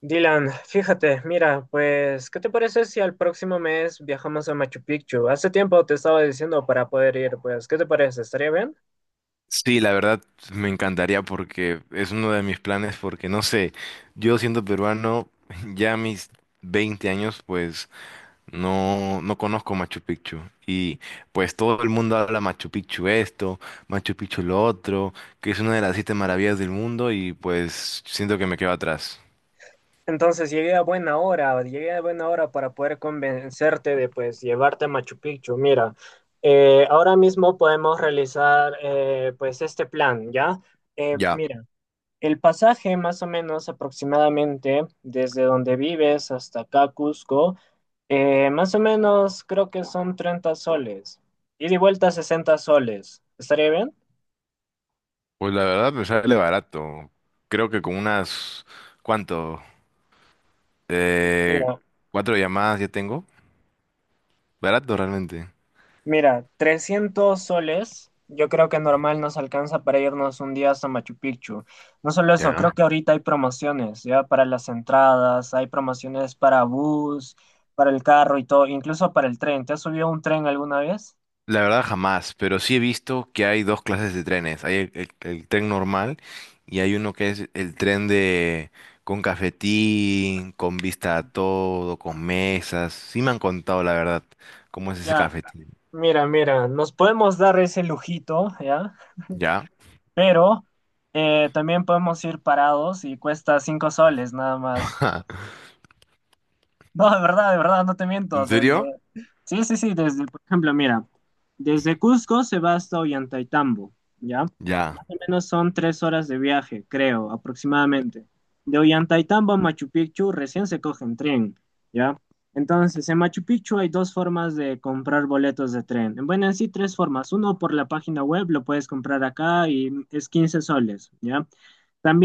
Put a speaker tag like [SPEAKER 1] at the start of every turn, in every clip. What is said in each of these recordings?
[SPEAKER 1] Dylan, fíjate, mira, pues, ¿qué te parece si al próximo mes viajamos a Machu Picchu? Hace tiempo te estaba diciendo para poder ir, pues, ¿qué te parece? ¿Estaría bien?
[SPEAKER 2] Sí, la verdad me encantaría porque es uno de mis planes porque no sé, yo siendo peruano ya a mis 20 años pues no conozco Machu Picchu y pues todo el mundo habla Machu Picchu esto, Machu Picchu lo otro, que es una de las siete maravillas del mundo y pues siento que me quedo atrás.
[SPEAKER 1] Entonces llegué a buena hora, llegué a buena hora para poder convencerte de, pues, llevarte a Machu Picchu. Mira, ahora mismo podemos realizar, pues, este plan, ¿ya? Eh,
[SPEAKER 2] Ya,
[SPEAKER 1] mira, El pasaje, más o menos aproximadamente, desde donde vives hasta acá, Cusco, más o menos creo que son 30 soles. Ida y vuelta 60 soles. ¿Estaría bien?
[SPEAKER 2] pues la verdad me sale barato. Creo que con unas ¿cuánto? Eh,
[SPEAKER 1] Mira,
[SPEAKER 2] Cuatro llamadas ya tengo. Barato realmente.
[SPEAKER 1] mira, 300 soles, yo creo que normal nos alcanza para irnos un día hasta Machu Picchu. No solo eso,
[SPEAKER 2] Ya.
[SPEAKER 1] creo que ahorita hay promociones, ya para las entradas, hay promociones para bus, para el carro y todo, incluso para el tren. ¿Te has subido a un tren alguna vez?
[SPEAKER 2] La verdad jamás, pero sí he visto que hay dos clases de trenes. Hay el tren normal y hay uno que es el tren de con cafetín, con vista a todo, con mesas. Sí me han contado la verdad cómo es ese
[SPEAKER 1] Ya.
[SPEAKER 2] cafetín.
[SPEAKER 1] Mira, mira, nos podemos dar ese lujito, ¿ya?
[SPEAKER 2] ¿Ya?
[SPEAKER 1] Pero también podemos ir parados y cuesta 5 soles nada más. No, de verdad, no te miento.
[SPEAKER 2] ¿En
[SPEAKER 1] Desde...
[SPEAKER 2] serio?
[SPEAKER 1] Sí, sí, sí, desde, por ejemplo, mira, desde Cusco se va hasta Ollantaytambo, ¿ya?
[SPEAKER 2] Ya,
[SPEAKER 1] Más o menos son 3 horas de viaje, creo, aproximadamente. De Ollantaytambo a Machu Picchu recién se coge en tren, ¿ya? Entonces, en Machu Picchu hay dos formas de comprar boletos de tren. Bueno, en sí, tres formas. Uno, por la página web, lo puedes comprar acá y es 15 soles, ¿ya?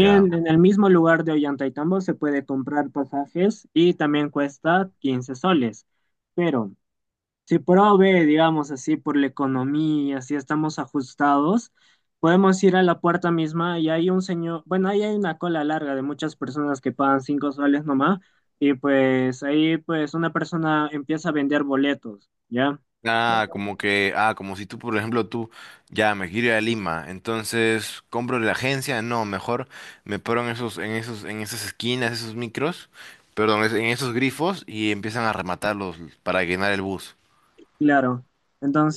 [SPEAKER 2] ya.
[SPEAKER 1] en el mismo lugar de Ollantaytambo se puede comprar pasajes y también cuesta 15 soles. Pero si prove, digamos así, por la economía, si estamos ajustados, podemos ir a la puerta misma y hay un señor, bueno, ahí hay una cola larga de muchas personas que pagan 5 soles nomás y pues ahí pues una persona empieza a vender boletos, ¿ya?
[SPEAKER 2] Ah, como que, como si tú, por ejemplo, tú, ya, me quiero ir a Lima, entonces compro en la agencia, no, mejor me paro en esas esquinas, esos micros, perdón, en esos grifos y empiezan a rematarlos para llenar el bus,
[SPEAKER 1] Claro.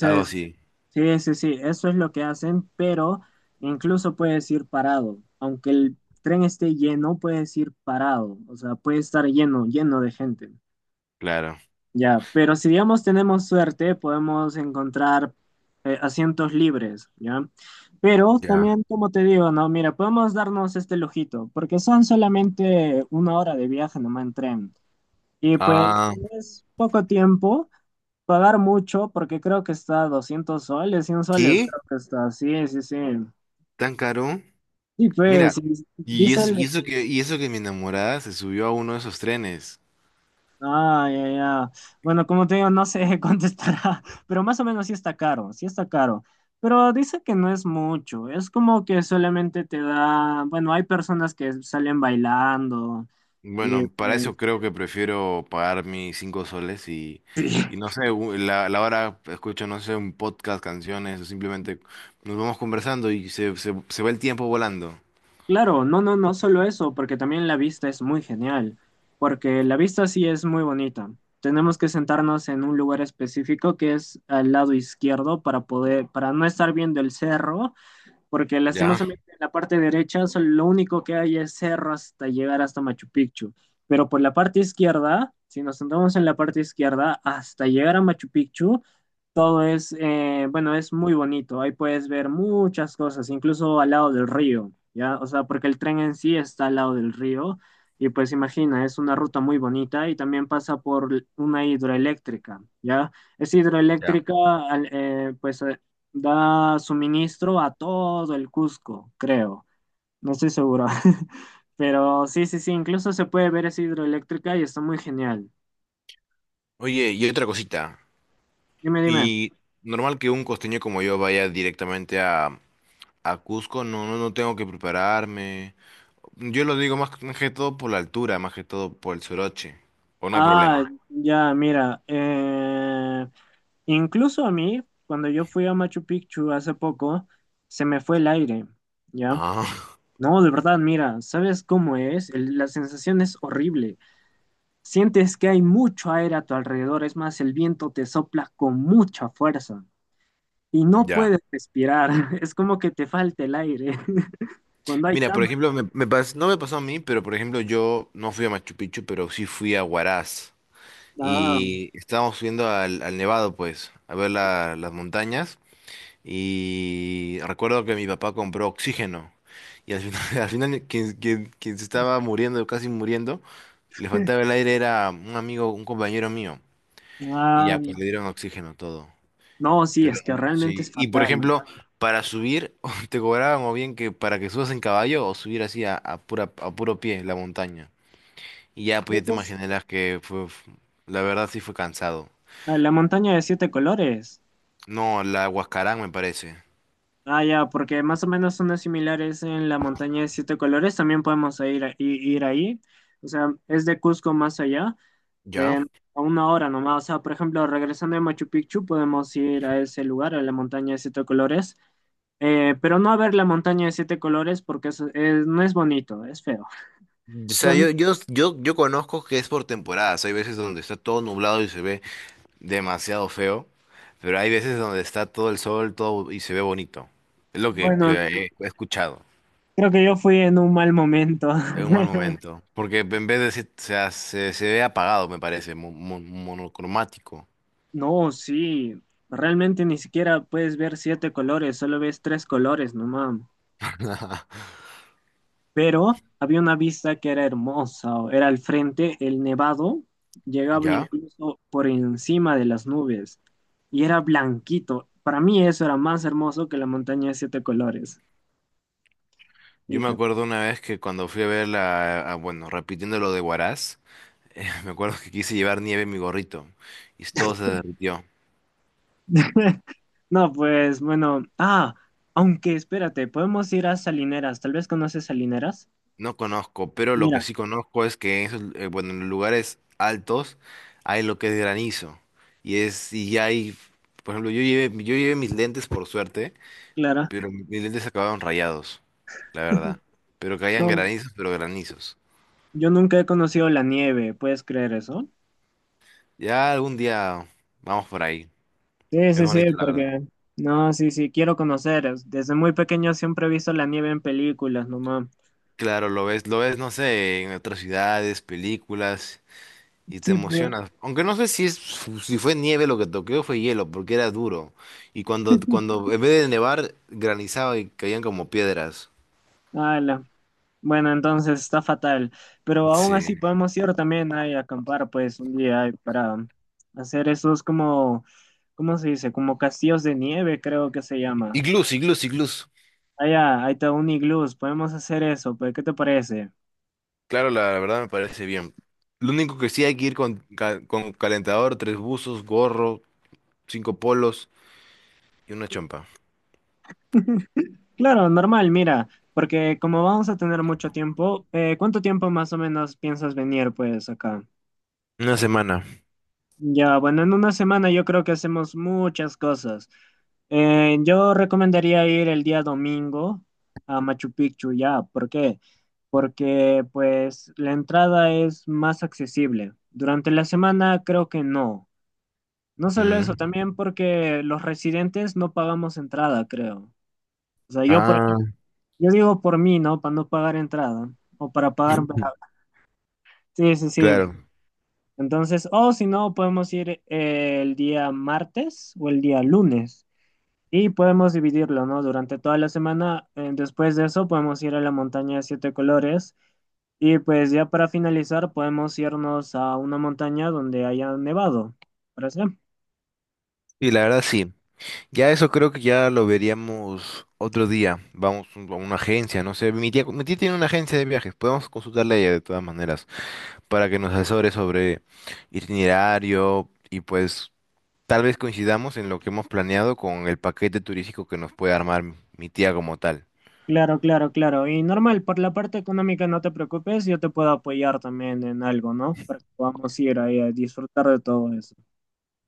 [SPEAKER 2] algo así,
[SPEAKER 1] sí, sí, sí, eso es lo que hacen, pero incluso puedes ir parado, aunque el tren esté lleno, puedes ir parado, o sea, puede estar lleno, lleno de gente.
[SPEAKER 2] claro,
[SPEAKER 1] Ya, pero si digamos tenemos suerte, podemos encontrar asientos libres, ¿ya? Pero
[SPEAKER 2] ya.
[SPEAKER 1] también, como te digo, no, mira, podemos darnos este lujito, porque son solamente una hora de viaje nomás en tren. Y pues
[SPEAKER 2] Ah,
[SPEAKER 1] es poco tiempo, pagar mucho, porque creo que está a 200 soles, 100 soles,
[SPEAKER 2] ¿qué?
[SPEAKER 1] creo que está, sí, sí, sí.
[SPEAKER 2] ¿Tan caro?
[SPEAKER 1] Y pues,
[SPEAKER 2] Mira,
[SPEAKER 1] y
[SPEAKER 2] y
[SPEAKER 1] dice,
[SPEAKER 2] eso, y eso que mi enamorada se subió a uno de esos trenes.
[SPEAKER 1] ah, ya, ya. Bueno, como te digo, no sé contestará, pero más o menos sí está caro, sí está caro. Pero dice que no es mucho, es como que solamente te da, bueno, hay personas que salen bailando y
[SPEAKER 2] Bueno, para
[SPEAKER 1] pues,
[SPEAKER 2] eso creo que prefiero pagar mis 5 soles
[SPEAKER 1] sí,
[SPEAKER 2] y no sé, u- la hora escucho, no sé, un podcast, canciones, o simplemente nos vamos conversando y se va el tiempo volando.
[SPEAKER 1] claro, no, no, no solo eso, porque también la vista es muy genial, porque la vista sí es muy bonita. Tenemos que sentarnos en un lugar específico que es al lado izquierdo para poder, para no estar viendo el cerro porque
[SPEAKER 2] Ya,
[SPEAKER 1] lastimosamente en la parte derecha lo único que hay es cerro hasta llegar hasta Machu Picchu, pero por la parte izquierda, si nos sentamos en la parte izquierda, hasta llegar a Machu Picchu, todo es, bueno, es muy bonito, ahí puedes ver muchas cosas, incluso al lado del río, ¿ya? O sea, porque el tren en sí está al lado del río. Y pues imagina, es una ruta muy bonita y también pasa por una hidroeléctrica, ¿ya? Es
[SPEAKER 2] ya.
[SPEAKER 1] hidroeléctrica, pues da suministro a todo el Cusco, creo. No estoy seguro. Pero sí, sí, sí, incluso se puede ver esa hidroeléctrica y está muy genial.
[SPEAKER 2] Oye, y otra cosita.
[SPEAKER 1] Dime, dime.
[SPEAKER 2] Y normal que un costeño como yo vaya directamente a Cusco, no, no, no tengo que prepararme. Yo lo digo más que todo por la altura, más que todo por el soroche. O no hay
[SPEAKER 1] Ah,
[SPEAKER 2] problema.
[SPEAKER 1] ya, mira. Incluso a mí, cuando yo fui a Machu Picchu hace poco, se me fue el aire, ¿ya?
[SPEAKER 2] Ah,
[SPEAKER 1] No, de verdad, mira, ¿sabes cómo es? La sensación es horrible. Sientes que hay mucho aire a tu alrededor, es más, el viento te sopla con mucha fuerza. Y no
[SPEAKER 2] ya.
[SPEAKER 1] puedes respirar. Es como que te falta el aire. Cuando hay
[SPEAKER 2] Mira, por
[SPEAKER 1] tan...
[SPEAKER 2] ejemplo, no me pasó a mí, pero por ejemplo yo no fui a Machu Picchu, pero sí fui a Huaraz.
[SPEAKER 1] Ah,
[SPEAKER 2] Y estábamos subiendo al Nevado, pues, a ver las montañas. Y recuerdo que mi papá compró oxígeno. Y al final, al final quien se estaba muriendo, casi muriendo, le faltaba el aire, era un amigo, un compañero mío. Y
[SPEAKER 1] ah,
[SPEAKER 2] ya, pues le dieron oxígeno todo.
[SPEAKER 1] no, sí,
[SPEAKER 2] Pero
[SPEAKER 1] es que realmente es
[SPEAKER 2] sí, y por
[SPEAKER 1] fatal.
[SPEAKER 2] ejemplo, para subir te cobraban o bien que para que subas en caballo o subir así a puro pie la montaña. Y ya pues
[SPEAKER 1] Creo
[SPEAKER 2] ya
[SPEAKER 1] que
[SPEAKER 2] te
[SPEAKER 1] es
[SPEAKER 2] imaginarás que fue, la verdad sí fue cansado.
[SPEAKER 1] la montaña de siete colores.
[SPEAKER 2] No, la Huascarán me parece.
[SPEAKER 1] Ah, ya, porque más o menos son las similares en la montaña de siete colores. También podemos ir, ir ahí. O sea, es de Cusco más allá,
[SPEAKER 2] ¿Ya?
[SPEAKER 1] en- a una hora nomás. O sea, por ejemplo, regresando de Machu Picchu, podemos ir a ese lugar, a la montaña de siete colores. Pero no a ver la montaña de siete colores porque no es bonito, es feo. O
[SPEAKER 2] O
[SPEAKER 1] sea,
[SPEAKER 2] sea, yo conozco que es por temporadas. Hay veces donde está todo nublado y se ve demasiado feo, pero hay veces donde está todo el sol, todo y se ve bonito. Es lo que
[SPEAKER 1] bueno,
[SPEAKER 2] he escuchado.
[SPEAKER 1] creo que yo fui en un mal momento.
[SPEAKER 2] Es un mal momento. Porque en vez de se ve apagado, me parece, monocromático.
[SPEAKER 1] No, sí, realmente ni siquiera puedes ver siete colores, solo ves tres colores nomás. Pero había una vista que era hermosa, o era al frente, el nevado llegaba
[SPEAKER 2] ¿Ya?
[SPEAKER 1] incluso por encima de las nubes y era blanquito. Para mí eso era más hermoso que la montaña de siete colores.
[SPEAKER 2] Yo me
[SPEAKER 1] Fíjate.
[SPEAKER 2] acuerdo una vez que cuando fui a ver bueno, repitiendo lo de Huaraz, me acuerdo que quise llevar nieve en mi gorrito y todo se derritió.
[SPEAKER 1] No, pues bueno, aunque espérate, podemos ir a Salineras, tal vez conoces Salineras.
[SPEAKER 2] No conozco, pero lo que
[SPEAKER 1] Mira,
[SPEAKER 2] sí conozco es que en esos, bueno, en los lugares altos hay lo que es granizo. Y es, y ya hay, por ejemplo, yo llevé mis lentes por suerte.
[SPEAKER 1] Clara,
[SPEAKER 2] Pero mis lentes acabaron rayados, la verdad. Pero caían
[SPEAKER 1] no,
[SPEAKER 2] granizos, pero granizos.
[SPEAKER 1] yo nunca he conocido la nieve, ¿puedes creer eso?
[SPEAKER 2] Ya algún día vamos por ahí.
[SPEAKER 1] Sí,
[SPEAKER 2] Es
[SPEAKER 1] sí, sí,
[SPEAKER 2] bonito, la verdad.
[SPEAKER 1] porque... No, sí, sí, quiero conocer. Desde muy pequeño siempre he visto la nieve en películas, nomás.
[SPEAKER 2] Claro, lo ves, no sé, en otras ciudades, películas, y te
[SPEAKER 1] Sí, pues,
[SPEAKER 2] emocionas. Aunque no sé si es, si fue nieve lo que toqué o fue hielo, porque era duro. Y cuando, cuando en vez de nevar, granizaba y caían como piedras.
[SPEAKER 1] ala. Bueno, entonces está fatal. Pero aún
[SPEAKER 2] Sí.
[SPEAKER 1] así podemos ir también ahí a acampar, pues, un día ahí para hacer esos como, ¿cómo se dice? Como castillos de nieve, creo que se llama.
[SPEAKER 2] Iglús, iglús, iglús.
[SPEAKER 1] Allá, ahí está Uniglus, podemos hacer eso, pues, ¿qué te parece?
[SPEAKER 2] Claro, la verdad me parece bien. Lo único que sí hay que ir con, con calentador, tres buzos, gorro, cinco polos y una chompa.
[SPEAKER 1] Claro, normal, mira, porque como vamos a tener mucho tiempo, ¿cuánto tiempo más o menos piensas venir, pues, acá?
[SPEAKER 2] Una semana.
[SPEAKER 1] Ya, bueno, en una semana yo creo que hacemos muchas cosas. Yo recomendaría ir el día domingo a Machu Picchu, ya, ¿por qué? Porque, pues, la entrada es más accesible. Durante la semana creo que no. No solo eso,
[SPEAKER 2] Mm.
[SPEAKER 1] también porque los residentes no pagamos entrada, creo. O sea,
[SPEAKER 2] Ah,
[SPEAKER 1] yo digo por mí, ¿no? Para no pagar entrada o para pagar. Sí, sí, sí.
[SPEAKER 2] claro.
[SPEAKER 1] Entonces, o si no, podemos ir el día martes o el día lunes y podemos dividirlo, ¿no? Durante toda la semana. Después de eso, podemos ir a la montaña de siete colores y pues ya para finalizar, podemos irnos a una montaña donde haya nevado. ¿Parece?
[SPEAKER 2] Y la verdad sí. Ya eso creo que ya lo veríamos otro día. Vamos a una agencia, no sé. Mi tía tiene una agencia de viajes. Podemos consultarle a ella de todas maneras para que nos asesore sobre itinerario y pues tal vez coincidamos en lo que hemos planeado con el paquete turístico que nos puede armar mi tía como tal.
[SPEAKER 1] Claro, claro, claro. Y normal, por la parte económica no te preocupes, yo te puedo apoyar también en algo, ¿no? Para que podamos ir ahí a disfrutar de todo eso.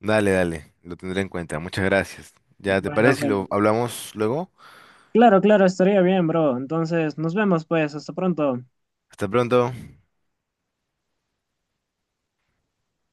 [SPEAKER 2] Dale, dale. Lo tendré en cuenta. Muchas gracias. ¿Ya te
[SPEAKER 1] Bueno,
[SPEAKER 2] parece si
[SPEAKER 1] bueno.
[SPEAKER 2] lo hablamos luego?
[SPEAKER 1] Claro, claro, estaría bien, bro. Entonces, nos vemos pues, hasta pronto.
[SPEAKER 2] Hasta pronto.